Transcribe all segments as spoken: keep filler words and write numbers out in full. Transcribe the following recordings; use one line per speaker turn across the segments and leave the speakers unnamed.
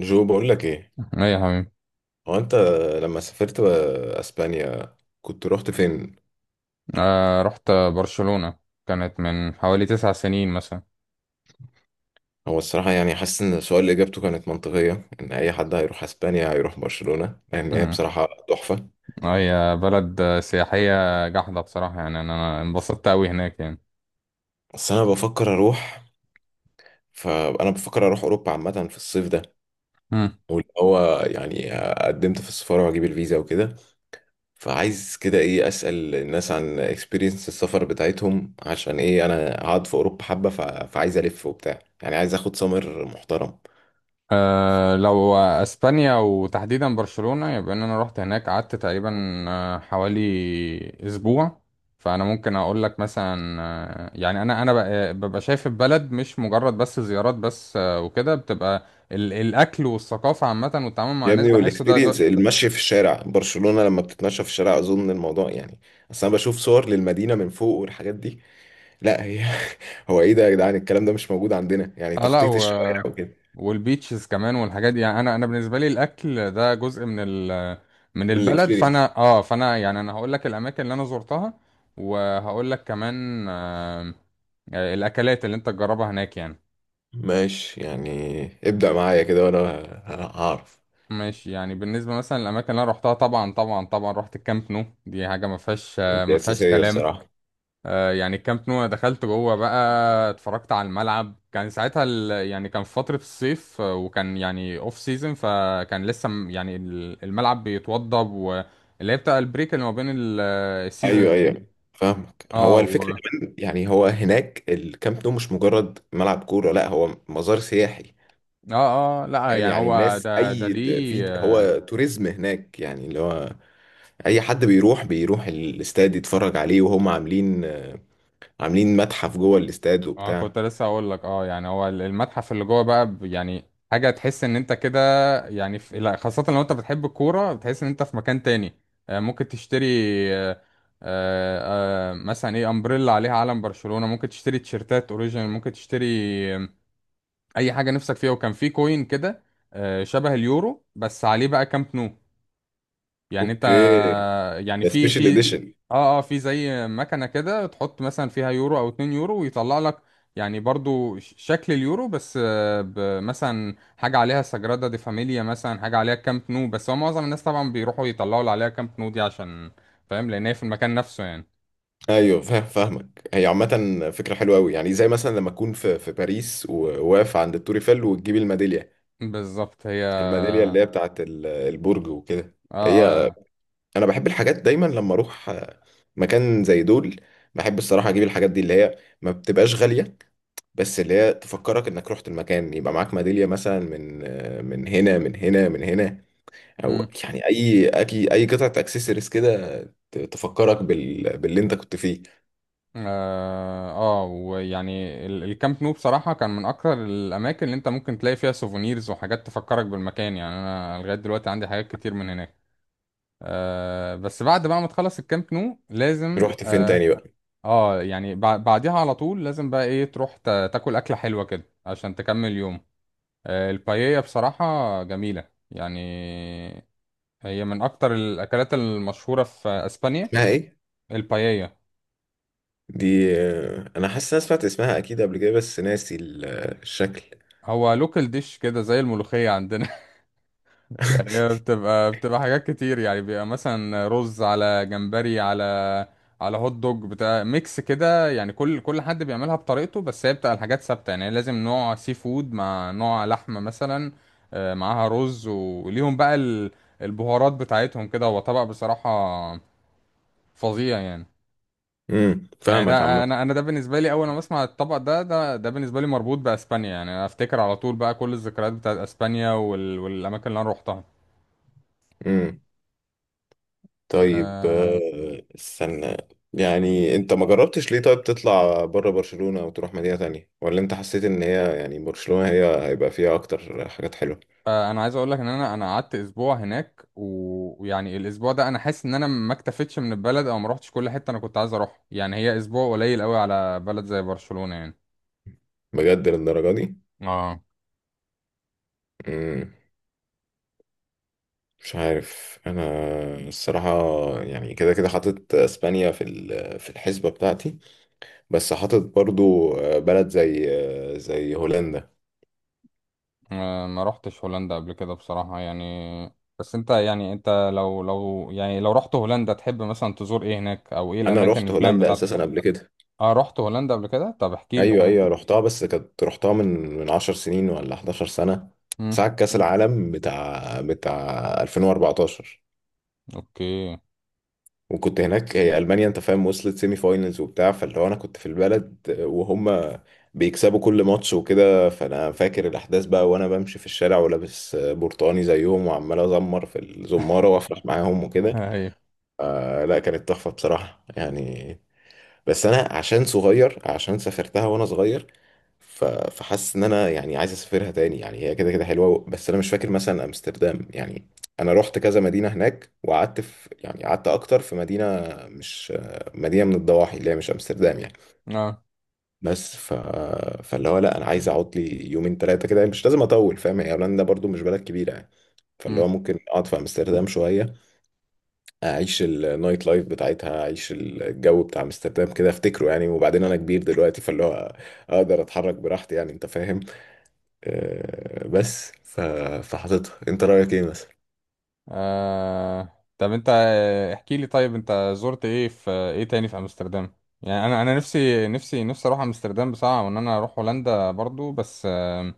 جو بقول لك ايه؟
ايه يا حبيبي.
هو انت لما سافرت بقى اسبانيا كنت رحت فين؟
آه، رحت برشلونة. كانت من حوالي تسع سنين مثلا.
هو الصراحه يعني حاسس ان السؤال اجابته كانت منطقيه، ان اي حد هيروح اسبانيا هيروح برشلونه، لان هي
مم.
بصراحه تحفه.
هي بلد سياحية جحدة بصراحة، يعني انا انبسطت اوي هناك يعني.
بس انا بفكر اروح، فانا بفكر اروح اوروبا عامه في الصيف ده.
مم.
واللي هو يعني قدمت في السفاره واجيب الفيزا وكده، فعايز كده ايه، اسال الناس عن اكسبيرينس السفر بتاعتهم، عشان ايه انا قاعد في اوروبا حبه، ف- فعايز الف وبتاع، يعني عايز اخد سمر محترم.
آه لو اسبانيا وتحديدا برشلونة، يبقى ان انا رحت هناك قعدت تقريبا، آه، حوالي اسبوع. فانا ممكن اقول لك مثلا، آه، يعني انا انا ب- ببقى شايف البلد مش مجرد بس زيارات بس، آه، وكده بتبقى ال- الاكل والثقافه عامه والتعامل مع
يا
الناس
ابني،
بحسه ده.
والاكسبيرينس المشي في الشارع برشلونة، لما بتتمشى في الشارع اظن الموضوع يعني، اصل انا بشوف صور للمدينة من فوق والحاجات دي. لا هي. هو ايه ده يا جدعان؟ الكلام ده مش موجود عندنا، يعني
اه لا،
تخطيط
و...
الشوارع وكده.
والبيتشز كمان والحاجات دي. يعني انا انا بالنسبه لي الاكل ده جزء من ال... من
من
البلد.
الاكسبيرينس.
فانا اه فانا يعني انا هقول لك الاماكن اللي انا زرتها، وهقول لك كمان آه الاكلات اللي انت تجربها هناك يعني.
ماشي يعني، ابدأ معايا كده وانا ه- هعرف.
ماشي، يعني بالنسبه مثلا الاماكن اللي انا روحتها، طبعا طبعا طبعا رحت الكامب نو. دي حاجه ما فيهاش، آه ما
دي
فيهاش
اساسية
كلام.
الصراحة.
آه، يعني الكامب نو أنا دخلت جوه بقى، اتفرجت على الملعب. كان ساعتها ال... يعني كان في فترة الصيف، آه، وكان يعني اوف سيزون، فكان لسه م- يعني ال- الملعب بيتوضب، واللي هي بتاع البريك اللي ما بين
ايوه،
السيزونز دي.
ايوه، فاهمك.
اه،
هو الفكرة
و...
كمان، يعني هو هناك الكامب نو مش مجرد ملعب كورة، لا هو مزار سياحي.
اه اه لا،
فاهم
يعني
يعني
هو
الناس
ده ده
اي،
ليه؟
في هو توريزم هناك، يعني اللي هو اي حد بيروح بيروح الاستاد يتفرج عليه، وهم عاملين عاملين متحف جوه الاستاد
اه،
وبتاع.
كنت لسه اقول لك، اه يعني هو ال- المتحف اللي جوه بقى، ب- يعني حاجه تحس ان انت كده يعني في، لا خاصه لو انت بتحب الكوره بتحس ان انت في مكان تاني. آه، ممكن تشتري، آه، آه، آه، مثلا ايه، امبريلا عليها علم برشلونه، ممكن تشتري تيشيرتات اوريجينال، ممكن تشتري آه، اي حاجه نفسك فيها. وكان في كوين كده، آه، شبه اليورو بس عليه بقى كامب نو. يعني انت
اوكي.
يعني
ده
في
سبيشال
في
اديشن.
اه اه في زي مكنة كده تحط مثلا فيها يورو او اتنين يورو ويطلع لك يعني برضو ش- شكل اليورو، بس آه، ب- مثلا حاجة عليها سجرادا دي فاميليا، مثلا حاجة عليها كامب نو، بس هو معظم الناس طبعا بيروحوا يطلعوا اللي عليها كامب نو دي، عشان فاهم لان هي في المكان نفسه يعني.
ايوه فاهم، فاهمك. هي عامه فكره حلوه قوي، يعني زي مثلا لما اكون في في باريس وواقف عند التور ايفل وتجيب الميداليه،
بالظبط، هي اه
الميداليه اللي هي بتاعت ال- البرج وكده.
اه.
هي
آه.
انا بحب الحاجات دايما لما اروح مكان زي دول، بحب الصراحه اجيب الحاجات دي اللي هي ما بتبقاش غاليه، بس اللي هي تفكرك انك رحت المكان، يبقى معاك ميداليه مثلا من من هنا، من هنا، من هنا، او
مم.
يعني اي اي اي قطعه اكسسوارز كده، ت- تفكرك بال... باللي انت كنت فيه.
اه آه، ويعني ال- الكامب نو بصراحة كان من أكتر الأماكن اللي أنت ممكن تلاقي فيها سوفونيرز وحاجات تفكرك بالمكان. يعني أنا لغاية دلوقتي عندي حاجات كتير من هناك. آه بس بعد بقى ما تخلص الكامب نو لازم
رحت فين
آه,
تاني بقى؟
آه يعني بع- بعديها على طول لازم بقى إيه، تروح تا- تاكل أكلة حلوة كده عشان تكمل يوم. آه، البايية بصراحة جميلة يعني، هي من أكتر الأكلات المشهورة في أسبانيا.
اسمها ايه؟
البايية
دي، آه، انا حاسس إن انا سمعت اسمها اكيد قبل كده، بس ناسي ال- الشكل.
هو لوكال ديش كده زي الملوخية عندنا. يعني هي بتبقى بتبقى حاجات كتير. يعني بيبقى مثلا رز على جمبري، على على هوت دوج، بتاع ميكس كده، يعني كل كل حد بيعملها بطريقته، بس هي بتبقى الحاجات ثابتة، يعني لازم نوع سي فود مع نوع لحمة مثلا، آه، معاها رز، وليهم بقى ال- البهارات بتاعتهم كده. هو طبق بصراحة فظيع يعني.
امم
يعني
فاهمك
ده، انا
عامه.
انا ده بالنسبه لي، اول ما اسمع الطبق ده ده ده بالنسبه لي مربوط باسبانيا. يعني انا افتكر على طول بقى كل الذكريات بتاعت اسبانيا وال... والاماكن اللي انا روحتها.
امم طيب،
آه.
آه، استنى. يعني انت ما جربتش ليه طيب تطلع بره برشلونة وتروح مدينة تانية، ولا انت حسيت ان هي يعني برشلونة هي هيبقى فيها اكتر حاجات حلوة؟
آه، انا عايز اقول لك ان انا انا قعدت اسبوع هناك، و- ويعني الاسبوع ده انا حاسس ان انا ما اكتفيتش من البلد، او ما روحتش كل حته انا كنت عايز اروح، يعني هي اسبوع قليل قوي على بلد زي برشلونه يعني.
بجد للدرجة دي؟
اه.
مم. مش عارف انا الصراحة. يعني كده كده حاطط اسبانيا في ال- في الحسبة بتاعتي، بس حاطط برضو، آه، بلد زي، آه، زي هولندا.
آه، ما روحتش هولندا قبل كده بصراحه يعني. بس انت يعني انت لو لو يعني لو رحت هولندا، تحب مثلا تزور ايه هناك؟ او ايه
انا
الاماكن
رحت
البلان
هولندا
بتاعتك؟
اساسا قبل كده.
اه رحت هولندا قبل كده، طب احكي لي
ايوه،
طيب.
ايوه، رحتها بس كانت رحتها من من 10 سنين ولا احدعشر سنة سنه،
امم.
ساعه كاس العالم بتاع بتاع ألفين وأربعة عشر.
اوكي.
وكنت هناك، هي المانيا انت فاهم، وصلت سيمي فاينلز وبتاع، فاللي هو انا كنت في البلد وهم بيكسبوا كل ماتش وكده، فانا فاكر الاحداث بقى وانا بمشي في الشارع ولابس برتقاني زيهم وعمال ازمر في الزماره وافرح معاهم وكده.
هي.
آه لا، كانت تحفه بصراحه يعني. بس انا عشان صغير، عشان سافرتها وانا صغير، ف- فحاسس ان انا يعني عايز اسافرها تاني، يعني هي كده كده حلوه، بس انا مش فاكر مثلا امستردام يعني. انا رحت كذا مدينه هناك، وقعدت في يعني قعدت اكتر في مدينه، مش مدينه من الضواحي اللي هي مش امستردام يعني.
اه.
بس ف... فاللي هو لا انا عايز اقعد لي يومين ثلاثه كده، مش لازم اطول فاهم، هي هولندا برضو مش بلد كبيره يعني. فاللي هو ممكن اقعد في امستردام شويه، اعيش النايت لايف بتاعتها، اعيش الجو بتاع امستردام كده افتكره يعني. وبعدين انا كبير دلوقتي فاللي هو اقدر اتحرك براحتي يعني انت فاهم. أه بس ف- فحاططها، انت رايك ايه مثلا؟
آه، طب انت احكي لي طيب، انت زرت ايه، في ايه تاني في امستردام؟ يعني انا انا نفسي نفسي نفسي اروح امستردام بصراحة، وان انا اروح هولندا برضو، بس آه...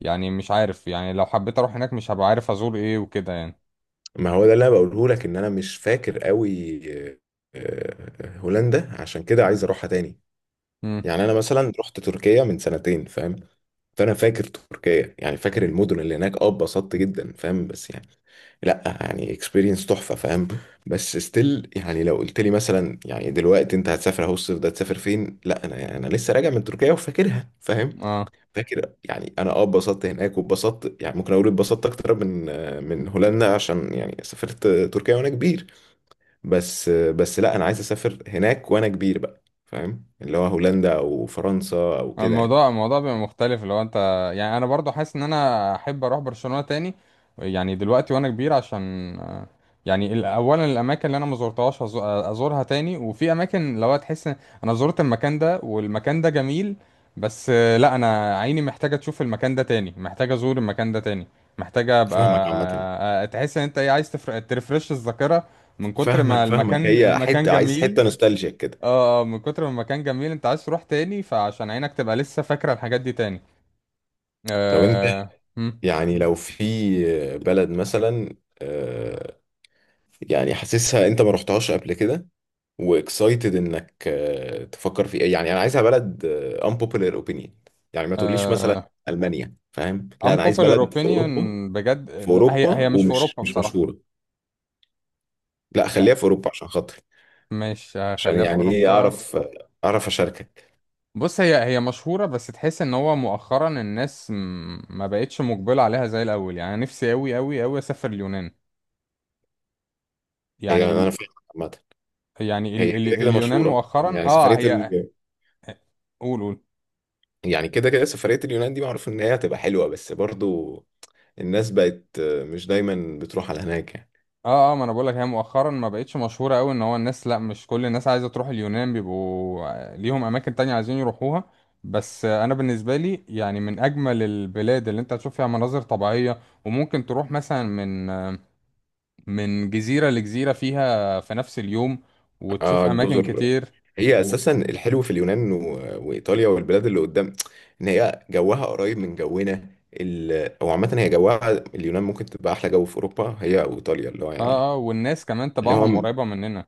يعني مش عارف، يعني لو حبيت اروح هناك مش هبقى عارف ازور ايه وكده يعني.
ما هو ده اللي انا بقوله لك، ان انا مش فاكر قوي، أه هولندا، عشان كده عايز اروحها تاني.
امم.
يعني انا مثلا رحت تركيا من سنتين فاهم، فانا فاكر تركيا، يعني فاكر المدن اللي هناك، اه اتبسطت جدا فاهم، بس يعني لا يعني اكسبيرينس تحفه فاهم. بس ستيل يعني لو قلت لي مثلا يعني دلوقتي انت هتسافر اهو الصيف ده تسافر فين، لا انا يعني، انا لسه راجع من تركيا وفاكرها فاهم.
اه.
فاكر يعني انا، اه اتبسطت هناك، واتبسطت يعني ممكن اقول اتبسطت اكتر من من هولندا، عشان يعني سافرت تركيا وانا كبير. بس بس لا انا عايز اسافر هناك وانا كبير بقى فاهم، اللي هو هولندا او فرنسا او كده يعني.
الموضوع الموضوع بيبقى مختلف لو انت، يعني انا برضو حاسس ان انا احب اروح برشلونة تاني، يعني دلوقتي وانا كبير، عشان آه، يعني ال- اولا الاماكن اللي انا ما زرتهاش هز- ازورها تاني، وفي اماكن لو تحس ان انا زرت المكان ده، والمكان ده جميل بس، آه، لا انا عيني محتاجة تشوف المكان ده تاني، محتاجة ازور المكان ده تاني، محتاجة ابقى
فاهمك عامه.
آه، آه، تحس ان انت ايه، عايز تفر- ترفرش الذاكرة من كتر ما
فاهمك، فاهمك،
المكان
هي
المكان
حتة، عايز
جميل.
حتة نوستالجيك كده.
اه آه، من كتر ما المكان جميل انت عايز تروح تاني، فعشان عينك تبقى لسه فاكرة الحاجات دي تاني.
طب انت
آه هم.
يعني لو في بلد مثلا، آه، يعني حاسسها انت ما رحتهاش قبل كده واكسايتد انك، آه، تفكر في ايه، يعني انا عايزها بلد، آه، unpopular opinion. يعني ما تقوليش مثلا
آه
ألمانيا فاهم، لا انا عايز
unpopular
بلد في
opinion.
اوروبا.
بجد
في
لا، هي
اوروبا
هي مش في
ومش
اوروبا
مش
بصراحة.
مشهورة. لا
يعني
خليها في اوروبا عشان خاطري،
مش
عشان
هخليها في
يعني ايه
اوروبا.
اعرف، اعرف اشاركك.
بص، هي هي مشهورة، بس تحس ان هو مؤخرا الناس م- ما بقتش مقبلة عليها زي الاول. يعني أنا نفسي اوي اوي اوي اسافر اليونان. يعني
هي انا
ال...
فاهم عامة.
يعني
هي
ال... ال...
كده كده
اليونان
مشهورة يعني،
مؤخرا
يعني
اه
سفرية.
هي. قول قول.
يعني كده كده سفرية، اليونان دي معروف إن هي هتبقى حلوة، بس برضو الناس بقت مش دايما بتروح على هناك يعني.
اه اه ما انا بقولك، هي مؤخرا ما بقتش مشهوره قوي، ان هو الناس لا مش كل الناس عايزه تروح اليونان، بيبقوا ليهم اماكن تانية عايزين يروحوها. بس انا بالنسبه لي يعني من اجمل البلاد اللي انت هتشوف فيها مناظر طبيعيه، وممكن تروح مثلا من من جزيره لجزيره فيها في نفس اليوم،
آه
وتشوف اماكن
الجزر.
كتير.
هي
و...
أساسا الحلو في اليونان و- وإيطاليا والبلاد اللي قدام، إن هي جوها قريب من جونا، ال... أو عامة هي جوها، اليونان ممكن تبقى أحلى جو في أوروبا، هي أو إيطاليا اللي هو يعني،
اه اه والناس كمان
اللي هو
تبعهم
م-
قريبه مننا.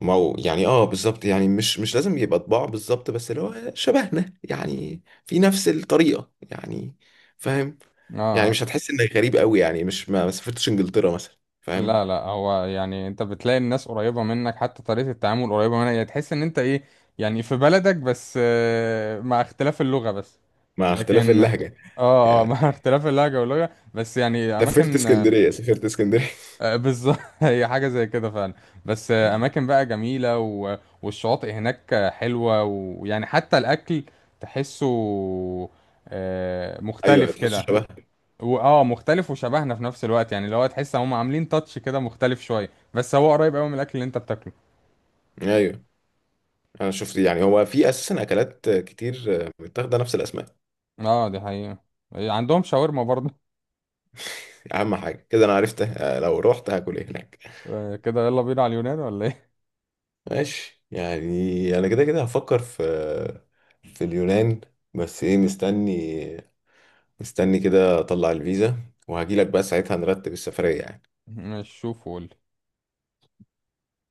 ما هو يعني، اه بالظبط، يعني مش مش لازم يبقى طباع بالظبط، بس اللي هو شبهنا يعني في نفس الطريقة يعني فاهم،
اه
يعني
آه.
مش هتحس انك غريب قوي يعني، مش ما ما سافرتش انجلترا مثلا فاهم.
لا لا، هو يعني انت بتلاقي الناس قريبة منك، حتى طريقة التعامل قريبة منك، يعني تحس ان انت ايه، يعني في بلدك بس، آه، مع اختلاف اللغة بس.
مع اختلاف
لكن،
اللهجه.
اه اه
يعني
مع اختلاف اللهجة واللغة بس، يعني
سافرت
اماكن، آه،
اسكندريه سافرت اسكندريه.
آه، بالظبط. هي حاجة زي كده فعلا. بس آه، اماكن بقى جميلة، و... والشواطئ هناك آه، حلوة، ويعني حتى الاكل تحسه آه،
ايوه
مختلف
تحسه
كده.
شبه.
و- اه مختلف وشبهنا في نفس الوقت، يعني اللي هو تحس هم عاملين تاتش كده مختلف شويه، بس هو قريب قوي من الاكل اللي انت بتاكله.
ايوه انا شفت، يعني هو في اساسا اكلات كتير متاخده نفس الاسماء.
اه دي حقيقه. إيه، عندهم شاورما برضه.
اهم حاجه كده انا عرفت لو رحت هاكل ايه هناك.
آه كده، يلا بينا على اليونان ولا ايه؟
ماشي يعني انا كده كده هفكر في في اليونان. بس ايه، مستني مستني كده اطلع الفيزا، وهجيلك بقى ساعتها نرتب السفريه يعني.
مش شوف قول.